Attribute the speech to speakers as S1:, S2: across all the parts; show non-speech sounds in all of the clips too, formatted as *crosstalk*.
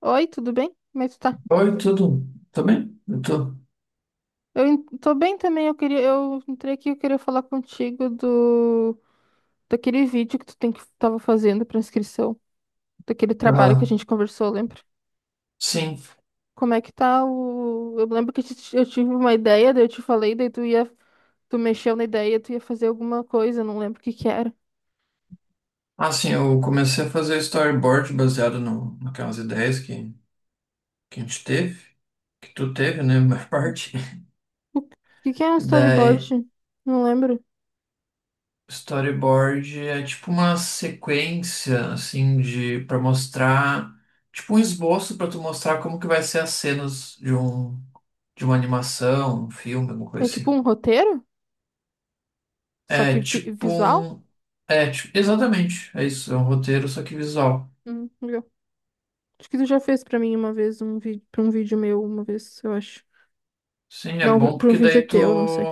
S1: Oi, tudo bem? Como é que tu tá?
S2: Oi, tudo? Tá bem? Eu tô.
S1: Tô bem também, eu entrei aqui, eu queria falar contigo do daquele vídeo que tu tem que tava fazendo pra inscrição, daquele trabalho que a
S2: Ah,
S1: gente conversou, lembra?
S2: sim.
S1: Como é que tá o Eu lembro que eu tive uma ideia, daí eu te falei, daí tu mexeu na ideia, tu ia fazer alguma coisa, eu não lembro o que que era. O
S2: Ah, sim, eu comecei a fazer storyboard baseado no, naquelas ideias que a gente teve, que tu teve, né, *laughs* a maior parte. *laughs*
S1: que que é um
S2: Daí,
S1: storyboard? Não lembro.
S2: storyboard é tipo uma sequência, assim, de para mostrar, tipo um esboço para tu mostrar como que vai ser as cenas de uma animação, um filme, alguma
S1: É
S2: coisa
S1: tipo
S2: assim.
S1: um roteiro? Só que
S2: É tipo
S1: visual?
S2: um, tipo, exatamente, é isso, é um roteiro só que visual.
S1: Legal. Acho que tu já fez pra mim uma vez um vídeo, para um vídeo meu uma vez, eu acho.
S2: Sim, é
S1: Não, pra
S2: bom
S1: pra um
S2: porque
S1: vídeo
S2: daí tu,
S1: teu, não sei.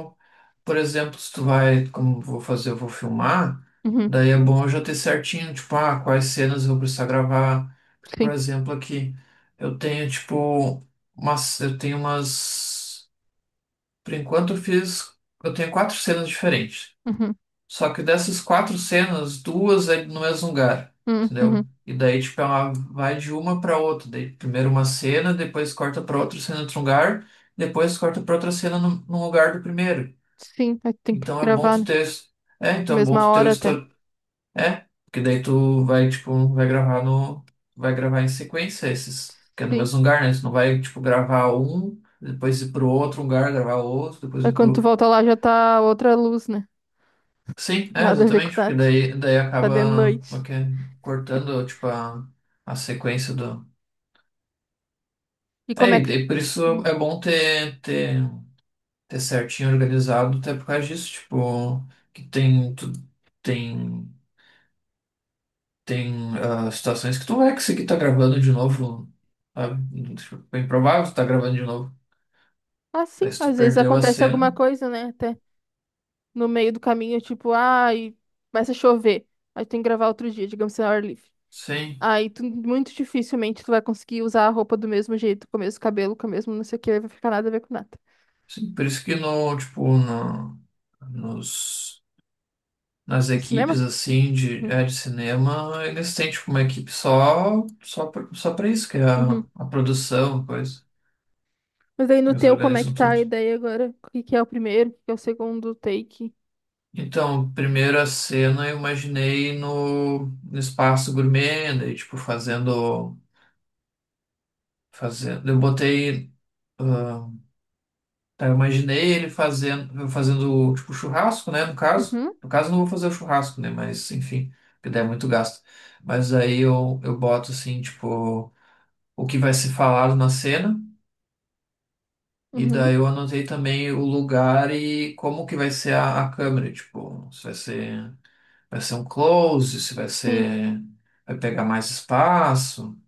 S2: por exemplo, se tu vai, como eu vou fazer, eu vou filmar,
S1: Uhum,
S2: daí é bom eu já ter certinho, tipo, quais cenas eu vou precisar gravar. Porque, por
S1: sim.
S2: exemplo, aqui eu tenho, tipo, umas, eu tenho umas, por enquanto eu fiz, eu tenho quatro cenas diferentes.
S1: Uhum,
S2: Só que dessas quatro cenas, duas é no mesmo lugar,
S1: uhum,
S2: entendeu?
S1: uhum.
S2: E daí, tipo, ela vai de uma pra outra. Daí, primeiro uma cena, depois corta pra outra cena em outro lugar, depois corta pra outra cena no lugar do primeiro.
S1: Sim, aí tem que
S2: Então é bom
S1: gravar,
S2: tu
S1: né?
S2: ter. É, então é bom
S1: Mesma
S2: tu ter o
S1: hora até.
S2: histórico. É, porque daí tu vai, tipo, vai gravar no. Vai gravar em sequência esses. Que é no
S1: Sim.
S2: mesmo lugar, né? Tu não vai, tipo, gravar um, depois ir pro outro lugar, gravar outro, depois
S1: Aí
S2: ir
S1: quando tu
S2: pro.
S1: volta lá já tá outra luz, né?
S2: Sim, é,
S1: Nada a ver com
S2: exatamente, porque
S1: nada.
S2: daí
S1: Tá de
S2: acaba
S1: noite.
S2: ok, cortando, tipo, a sequência do...
S1: E
S2: É,
S1: como é
S2: e
S1: que.
S2: daí por isso
S1: Uhum.
S2: é bom ter, ter certinho organizado, até por causa disso, tipo, que tem, tem situações que tu vai conseguir tá gravando de novo, sabe? Tipo, é bem provável que tu tá gravando de novo,
S1: Ah, sim,
S2: daí se tu
S1: às vezes
S2: perdeu a
S1: acontece
S2: cena,
S1: alguma coisa, né? Até no meio do caminho, tipo, ah, e começa a chover. Aí tem que gravar outro dia, digamos assim, ao ar livre.
S2: sim,
S1: Aí tu, muito dificilmente tu vai conseguir usar a roupa do mesmo jeito, com o mesmo cabelo, com o mesmo não sei o que, vai ficar nada a ver com nada.
S2: sim, por isso que no, tipo, no, nos... nas
S1: No
S2: equipes
S1: cinema?
S2: assim de,
S1: Uhum.
S2: é, de cinema, eles têm tipo uma equipe só para isso, que é a,
S1: Uhum.
S2: a produção, coisa.
S1: Mas aí no
S2: Eles
S1: teu, como é que
S2: organizam
S1: tá a
S2: tudo.
S1: ideia agora? O que que é o primeiro, o que que é o segundo take?
S2: Então, primeira cena eu imaginei no espaço gourmet, daí tipo fazendo, eu botei ah, tá, eu imaginei ele fazendo tipo churrasco, né, no caso.
S1: Uhum,
S2: No caso, eu não vou fazer o churrasco, né? Mas, enfim, que daí é muito gasto. Mas aí eu boto assim, tipo, o que vai ser falado na cena. E daí
S1: uhum,
S2: eu anotei também o lugar e como que vai ser a câmera, tipo, se vai ser, vai ser um close, se vai
S1: sim.
S2: ser, vai pegar mais espaço.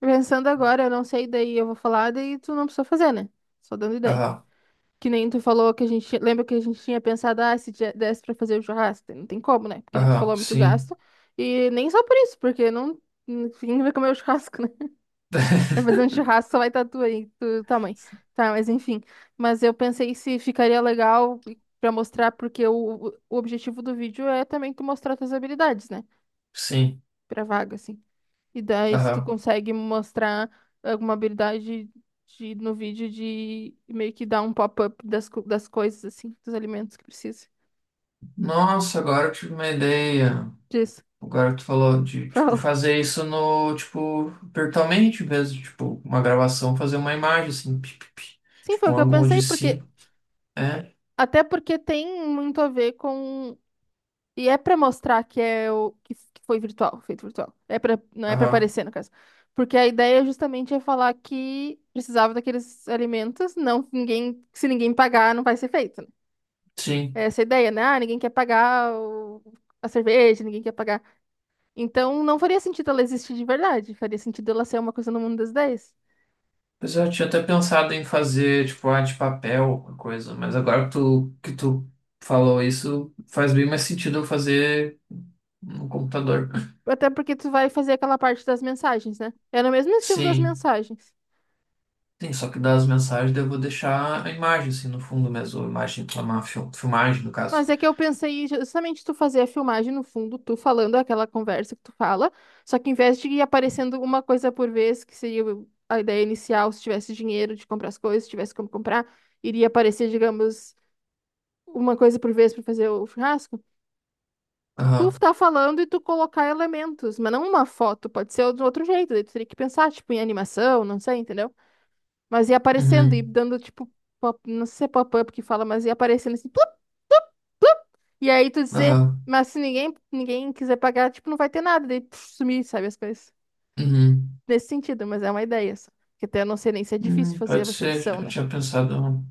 S1: Pensando agora, eu não sei, daí eu vou falar, daí tu não precisa fazer, né? Só dando ideia.
S2: Aham,
S1: Que nem tu falou que a gente, lembra que a gente tinha pensado, ah, se desse pra fazer o churrasco, daí não tem como, né? Porque nem tu
S2: aham,
S1: falou é muito
S2: sim,
S1: gasto. E nem só por isso, porque não, ninguém vai comer o churrasco, né? Vai fazer um
S2: *laughs*
S1: churrasco, só vai estar tu aí, do tamanho. Tá, mas enfim. Mas eu pensei se ficaria legal pra mostrar, porque o objetivo do vídeo é também tu mostrar tuas habilidades, né?
S2: sim,
S1: Pra vaga, assim. E daí, se tu
S2: aham.
S1: consegue mostrar alguma habilidade de, no vídeo de meio que dar um pop-up das, das coisas, assim, dos alimentos que precisa.
S2: Nossa, agora eu tive uma ideia.
S1: Disso. *laughs*
S2: Agora que tu falou de, tipo,
S1: Fala.
S2: fazer isso no, tipo, virtualmente mesmo, tipo, uma gravação, fazer uma imagem, assim, pi, pi, pi,
S1: Sim, foi
S2: tipo,
S1: o
S2: um
S1: que eu
S2: ângulo
S1: pensei,
S2: de
S1: porque.
S2: cima. É,
S1: Até porque tem muito a ver com. E é pra mostrar que é o que que foi virtual, feito virtual. É para não é pra
S2: aham,
S1: aparecer, no caso. Porque a ideia justamente é falar que precisava daqueles alimentos, não ninguém, se ninguém pagar, não vai ser feito, né? É.
S2: sim.
S1: Essa é ideia, né? Ah, ninguém quer pagar a cerveja, ninguém quer pagar. Então não faria sentido ela existir de verdade, faria sentido ela ser uma coisa no mundo das ideias.
S2: Pois é, eu tinha até pensado em fazer, tipo, arte de papel, uma coisa, mas agora que tu falou isso, faz bem mais sentido eu fazer no computador.
S1: Até porque tu vai fazer aquela parte das mensagens, né? É no mesmo estilo das
S2: Sim,
S1: mensagens.
S2: sim, só que das mensagens daí eu vou deixar a imagem, assim, no fundo mesmo, a imagem, uma filmagem, no
S1: Mas
S2: caso.
S1: é que eu pensei justamente tu fazer a filmagem no fundo, tu falando aquela conversa que tu fala, só que em vez de ir aparecendo uma coisa por vez, que seria a ideia inicial, se tivesse dinheiro de comprar as coisas, se tivesse como comprar, iria aparecer, digamos, uma coisa por vez para fazer o churrasco. Tu
S2: Aham,
S1: tá falando e tu colocar elementos, mas não uma foto, pode ser de outro jeito, daí tu teria que pensar, tipo, em animação, não sei, entendeu? Mas ia aparecendo e
S2: uhum,
S1: dando, tipo, não sei se é pop-up que fala, mas ia aparecendo assim, plup, e aí tu dizer,
S2: aham,
S1: mas se ninguém quiser pagar, tipo, não vai ter nada, daí puf, sumir, sabe, as coisas.
S2: uhum,
S1: Nesse sentido, mas é uma ideia só. Porque até eu não sei nem se é difícil
S2: uhum, pode
S1: fazer essa
S2: ser,
S1: edição,
S2: eu
S1: né?
S2: tinha pensado.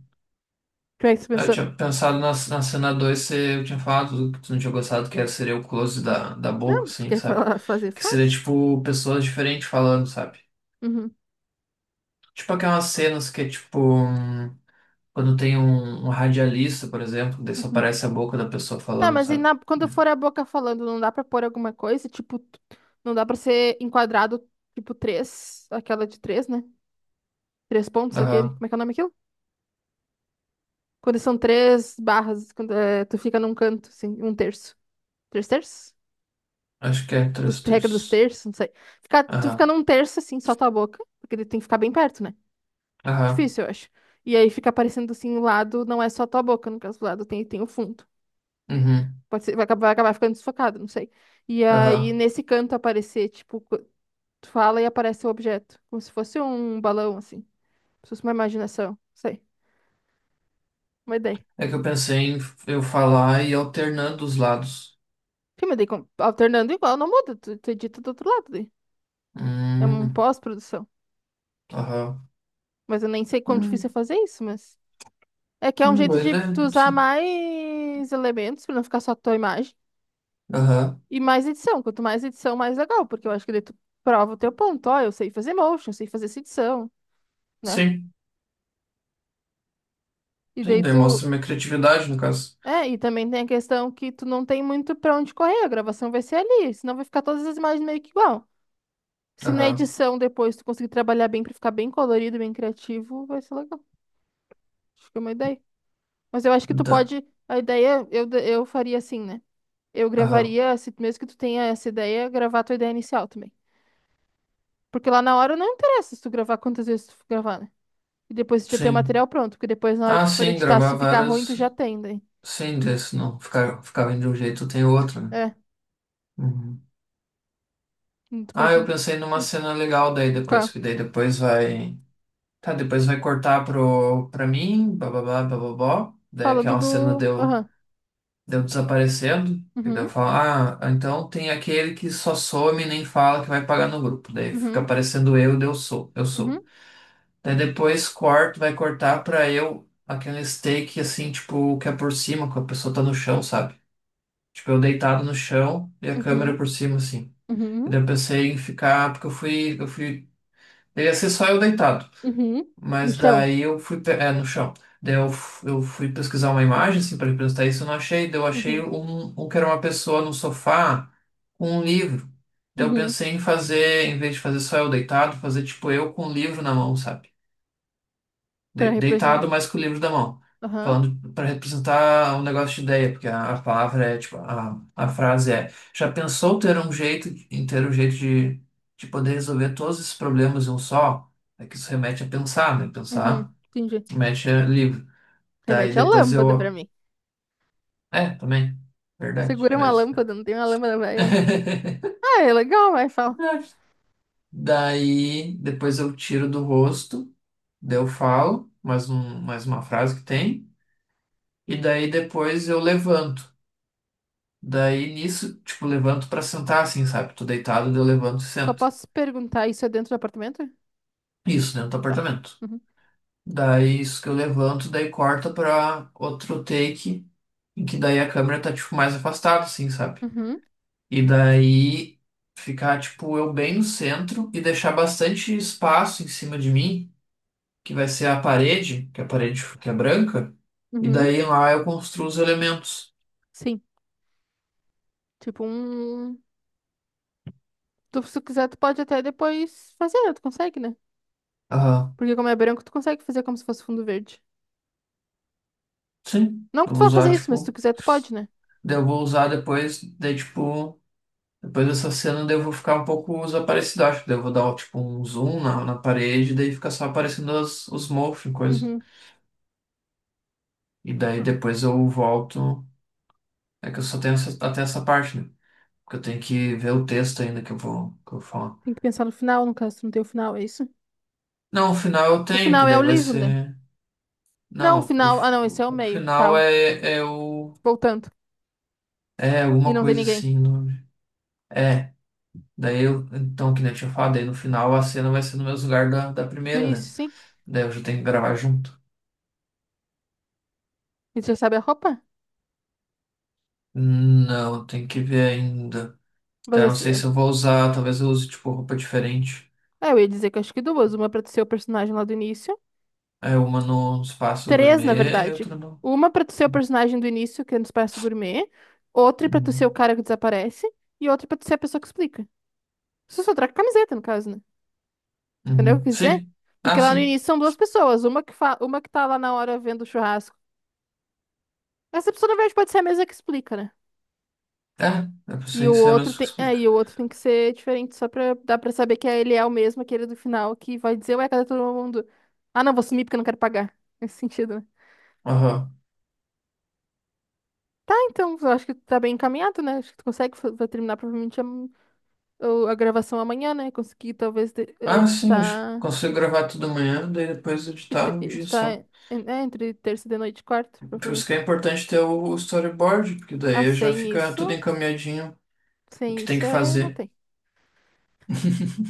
S1: Como é que tu
S2: Eu
S1: pensou?
S2: tinha pensado na cena 2 eu tinha falado que tu não tinha gostado, seria o close da boca,
S1: Não, tu
S2: assim,
S1: quer
S2: sabe?
S1: falar, fazer,
S2: Que seria,
S1: faz.
S2: tipo, pessoas diferentes falando, sabe?
S1: Uhum,
S2: Tipo aquelas cenas que é, tipo, quando tem um radialista, por exemplo, daí só
S1: uhum.
S2: aparece a boca da pessoa
S1: Tá,
S2: falando,
S1: mas e
S2: sabe?
S1: na, quando for a boca falando, não dá pra pôr alguma coisa? Tipo, não dá pra ser enquadrado, tipo, três, aquela de três, né? Três pontos, aquele.
S2: Aham,
S1: Como é que é o nome aquilo? Quando são três barras, quando, é, tu fica num canto, assim, um terço. Três terços?
S2: acho que é
S1: Regra
S2: thrusters.
S1: dos terços, não sei. Ficar, tu fica
S2: Aham,
S1: num terço assim, só tua boca, porque ele tem que ficar bem perto, né?
S2: aham,
S1: Difícil, eu acho. E aí fica aparecendo assim, o lado não é só tua boca, no caso do lado tem o fundo.
S2: uhum,
S1: Pode ser, vai acabar ficando desfocado, não sei. E aí
S2: aham.
S1: nesse canto aparecer, tipo, tu fala e aparece o objeto, como se fosse um balão, assim. Como se fosse uma imaginação, não sei. Uma ideia.
S2: É que eu pensei em eu falar e ir alternando os lados.
S1: Sim, mas daí alternando igual, não muda, tu edita do outro lado daí. É um
S2: Hum,
S1: pós-produção.
S2: aham.
S1: Mas eu nem sei quão difícil é
S2: Hum,
S1: fazer isso, mas. É que é um
S2: hum,
S1: jeito
S2: boa
S1: de
S2: ideia,
S1: tu usar
S2: Hudson.
S1: mais elementos pra não ficar só tua imagem.
S2: Aham,
S1: E mais edição. Quanto mais edição, mais legal. Porque eu acho que daí tu prova o teu ponto. Ó, eu sei fazer motion, eu sei fazer essa edição, né?
S2: sim.
S1: E
S2: Sim,
S1: daí
S2: daí
S1: tu.
S2: mostra minha criatividade, no caso.
S1: É, e também tem a questão que tu não tem muito pra onde correr. A gravação vai ser ali. Senão vai ficar todas as imagens meio que igual. Se na
S2: Aham.
S1: edição depois tu conseguir trabalhar bem pra ficar bem colorido, bem criativo, vai ser legal. Acho que é uma ideia. Mas eu acho que tu
S2: Da-
S1: pode. A ideia eu faria assim, né? Eu
S2: Aham.
S1: gravaria, mesmo que tu tenha essa ideia, gravar a tua ideia inicial também. Porque lá na hora não interessa se tu gravar quantas vezes tu for gravar, né? E depois tu já tem o
S2: Sim.
S1: material pronto, porque depois na hora
S2: Ah,
S1: que tu for
S2: sim,
S1: editar,
S2: gravar
S1: se ficar ruim, tu já
S2: várias.
S1: tem daí.
S2: Sim, desse não. Ficava de um jeito, tem outro, né?
S1: É,
S2: Uhum.
S1: tu
S2: Ah,
S1: pode...
S2: eu
S1: in-
S2: pensei numa cena legal daí depois,
S1: Qual?
S2: que daí depois vai. Tá, depois vai cortar pro, pra mim, bababá, bababó. Daí
S1: Falando
S2: aquela cena
S1: do.
S2: deu,
S1: Aham.
S2: desaparecendo. E daí eu
S1: Uhum,
S2: falo, então tem aquele que só some e nem fala que vai pagar no grupo. Daí fica
S1: uhum,
S2: aparecendo eu, daí eu sou, eu
S1: uhum,
S2: sou. Daí depois corto, vai cortar pra eu aquele steak assim, tipo, que é por cima, que a pessoa tá no chão, sabe? Tipo, eu deitado no chão e a câmera
S1: uhum,
S2: por cima, assim. E
S1: uhum,
S2: daí eu pensei em ficar, porque eu fui, eu fui. Ia ser só eu deitado.
S1: uhum, No
S2: Mas
S1: chão.
S2: daí eu fui, no chão. Daí eu fui pesquisar uma imagem, assim, pra representar isso, eu não achei. Daí eu achei
S1: Uhum,
S2: um, que era uma pessoa no sofá com um livro. Daí eu
S1: uhum.
S2: pensei em fazer, em vez de fazer só eu deitado, fazer tipo eu com um livro na mão, sabe?
S1: Pra
S2: de-
S1: representar.
S2: deitado, mas com o livro da mão,
S1: Aham,
S2: falando para representar um negócio de ideia, porque a palavra é tipo, a frase é: já pensou ter um jeito, em ter um jeito de poder resolver todos esses problemas em um só? É que isso remete a pensar, né? Pensar
S1: uhum, entendi.
S2: remete a livro. Daí
S1: Remete à
S2: depois
S1: lâmpada pra
S2: eu.
S1: mim.
S2: É, também. Verdade,
S1: Segura uma
S2: mas.
S1: lâmpada, não tem uma lâmpada, vai.
S2: *laughs*
S1: Ah, é legal, vai, fala.
S2: Verdade. Daí depois eu tiro do rosto, daí eu falo mais uma frase que tem, e daí depois eu levanto. Daí nisso, tipo, levanto pra sentar assim, sabe? Tô deitado, daí eu levanto e
S1: Só
S2: sento.
S1: posso perguntar, isso é dentro do apartamento?
S2: Isso, dentro do
S1: Tá.
S2: apartamento.
S1: Uhum.
S2: Daí isso que eu levanto, daí corta pra outro take, em que daí a câmera tá, tipo, mais afastada, assim, sabe?
S1: Uhum.
S2: E daí ficar, tipo, eu bem no centro e deixar bastante espaço em cima de mim, que vai ser a parede, que é a parede que é branca. E
S1: Uhum.
S2: daí lá eu construo os elementos.
S1: Sim. Tipo um. Tu, se tu quiser, tu pode até depois fazer, né? Tu consegue, né?
S2: Aham.
S1: Porque como é branco, tu consegue fazer como se fosse fundo verde.
S2: Sim.
S1: Não que
S2: Eu
S1: tu
S2: vou
S1: vá fazer
S2: usar,
S1: isso, mas se tu
S2: tipo.
S1: quiser, tu pode, né?
S2: Daí eu vou usar depois, daí, tipo. Depois dessa cena, daí eu vou ficar um pouco desaparecido, acho. Daí eu vou dar, tipo, um zoom na parede, daí fica só aparecendo os morphs e coisa.
S1: Uhum.
S2: E daí
S1: Ah,
S2: depois eu volto. É que eu só tenho até essa parte, né? Porque eu tenho que ver o texto ainda que eu vou falar.
S1: Tem que pensar no final, no caso, tu não tem o final, é isso?
S2: Não, o final eu
S1: O
S2: tenho, que
S1: final é o
S2: daí vai
S1: livro, né?
S2: ser.
S1: Não, o
S2: Não, o,
S1: final. Ah,
S2: f-
S1: não, esse
S2: o
S1: é o
S2: o
S1: meio.
S2: final
S1: Tá,
S2: é o.
S1: voltando.
S2: É
S1: E
S2: alguma
S1: não tem
S2: coisa
S1: ninguém.
S2: assim. É, daí eu. Então, que nem eu tinha falado, daí no final a cena vai ser no mesmo lugar da
S1: Do
S2: primeira, né?
S1: início, sim.
S2: Daí eu já tenho que gravar junto.
S1: E tu já sabe a roupa?
S2: Não, tem que ver ainda.
S1: Mas
S2: Então, não sei
S1: esse.
S2: se eu vou usar. Talvez eu use, tipo, roupa diferente.
S1: É, eu ia dizer que acho que duas. Uma pra tu ser o personagem lá do início.
S2: É uma no espaço
S1: Três, na
S2: gourmet e
S1: verdade.
S2: outra no.
S1: Uma pra tu ser o personagem do início, que é no Espaço Gourmet. Outra pra tu
S2: no-
S1: ser o cara que desaparece. E outra pra tu ser a pessoa que explica. Isso é só troca a camiseta, no caso, né? Entendeu o
S2: Uhum.
S1: que eu quis dizer?
S2: Sim.
S1: Porque
S2: Ah,
S1: lá no
S2: sim.
S1: início são duas pessoas. Uma que tá lá na hora vendo o churrasco. Essa pessoa, na verdade, pode ser a mesma que explica, né?
S2: É pra
S1: E
S2: você
S1: o
S2: isso é
S1: outro
S2: mesmo que
S1: tem. É,
S2: explica.
S1: e o outro tem que ser diferente, só pra dar pra saber que ele é o mesmo, aquele do final, que vai dizer, ué, cadê todo mundo? Ah, não, vou sumir porque eu não quero pagar. Nesse sentido, né?
S2: Aham.
S1: Tá, então, eu acho que tá bem encaminhado, né? Acho que tu consegue, vai terminar provavelmente a gravação amanhã, né? Conseguir talvez
S2: Ah, sim, eu
S1: editar,
S2: consigo gravar tudo amanhã, daí depois editar um dia só.
S1: editar, é, né, entre terça de noite e quarta,
S2: Por isso que é
S1: provavelmente.
S2: importante ter o storyboard, porque
S1: Ah,
S2: daí já
S1: sem
S2: fica tudo
S1: isso,
S2: encaminhadinho, o
S1: sem
S2: que tem
S1: isso
S2: que
S1: é, não
S2: fazer.
S1: tem.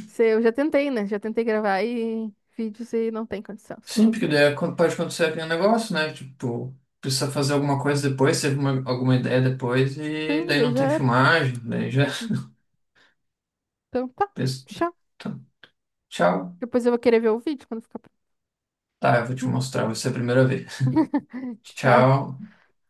S1: Se, eu já tentei, né? Já tentei gravar e vídeos e não tem condição, senão
S2: Sim,
S1: não
S2: porque
S1: tem.
S2: daí pode acontecer aquele negócio, né? Tipo, precisa fazer alguma coisa depois, teve alguma ideia depois, e
S1: Sim,
S2: daí
S1: daí
S2: não tem
S1: já era.
S2: filmagem, daí já *laughs*
S1: Então tá,
S2: pensa,
S1: tchau.
S2: "Tá, tchau.
S1: Depois eu vou querer ver o vídeo quando ficar
S2: Tá, eu vou te
S1: pronto.
S2: mostrar, vai ser a primeira vez.
S1: *laughs* Tchau.
S2: Tchau.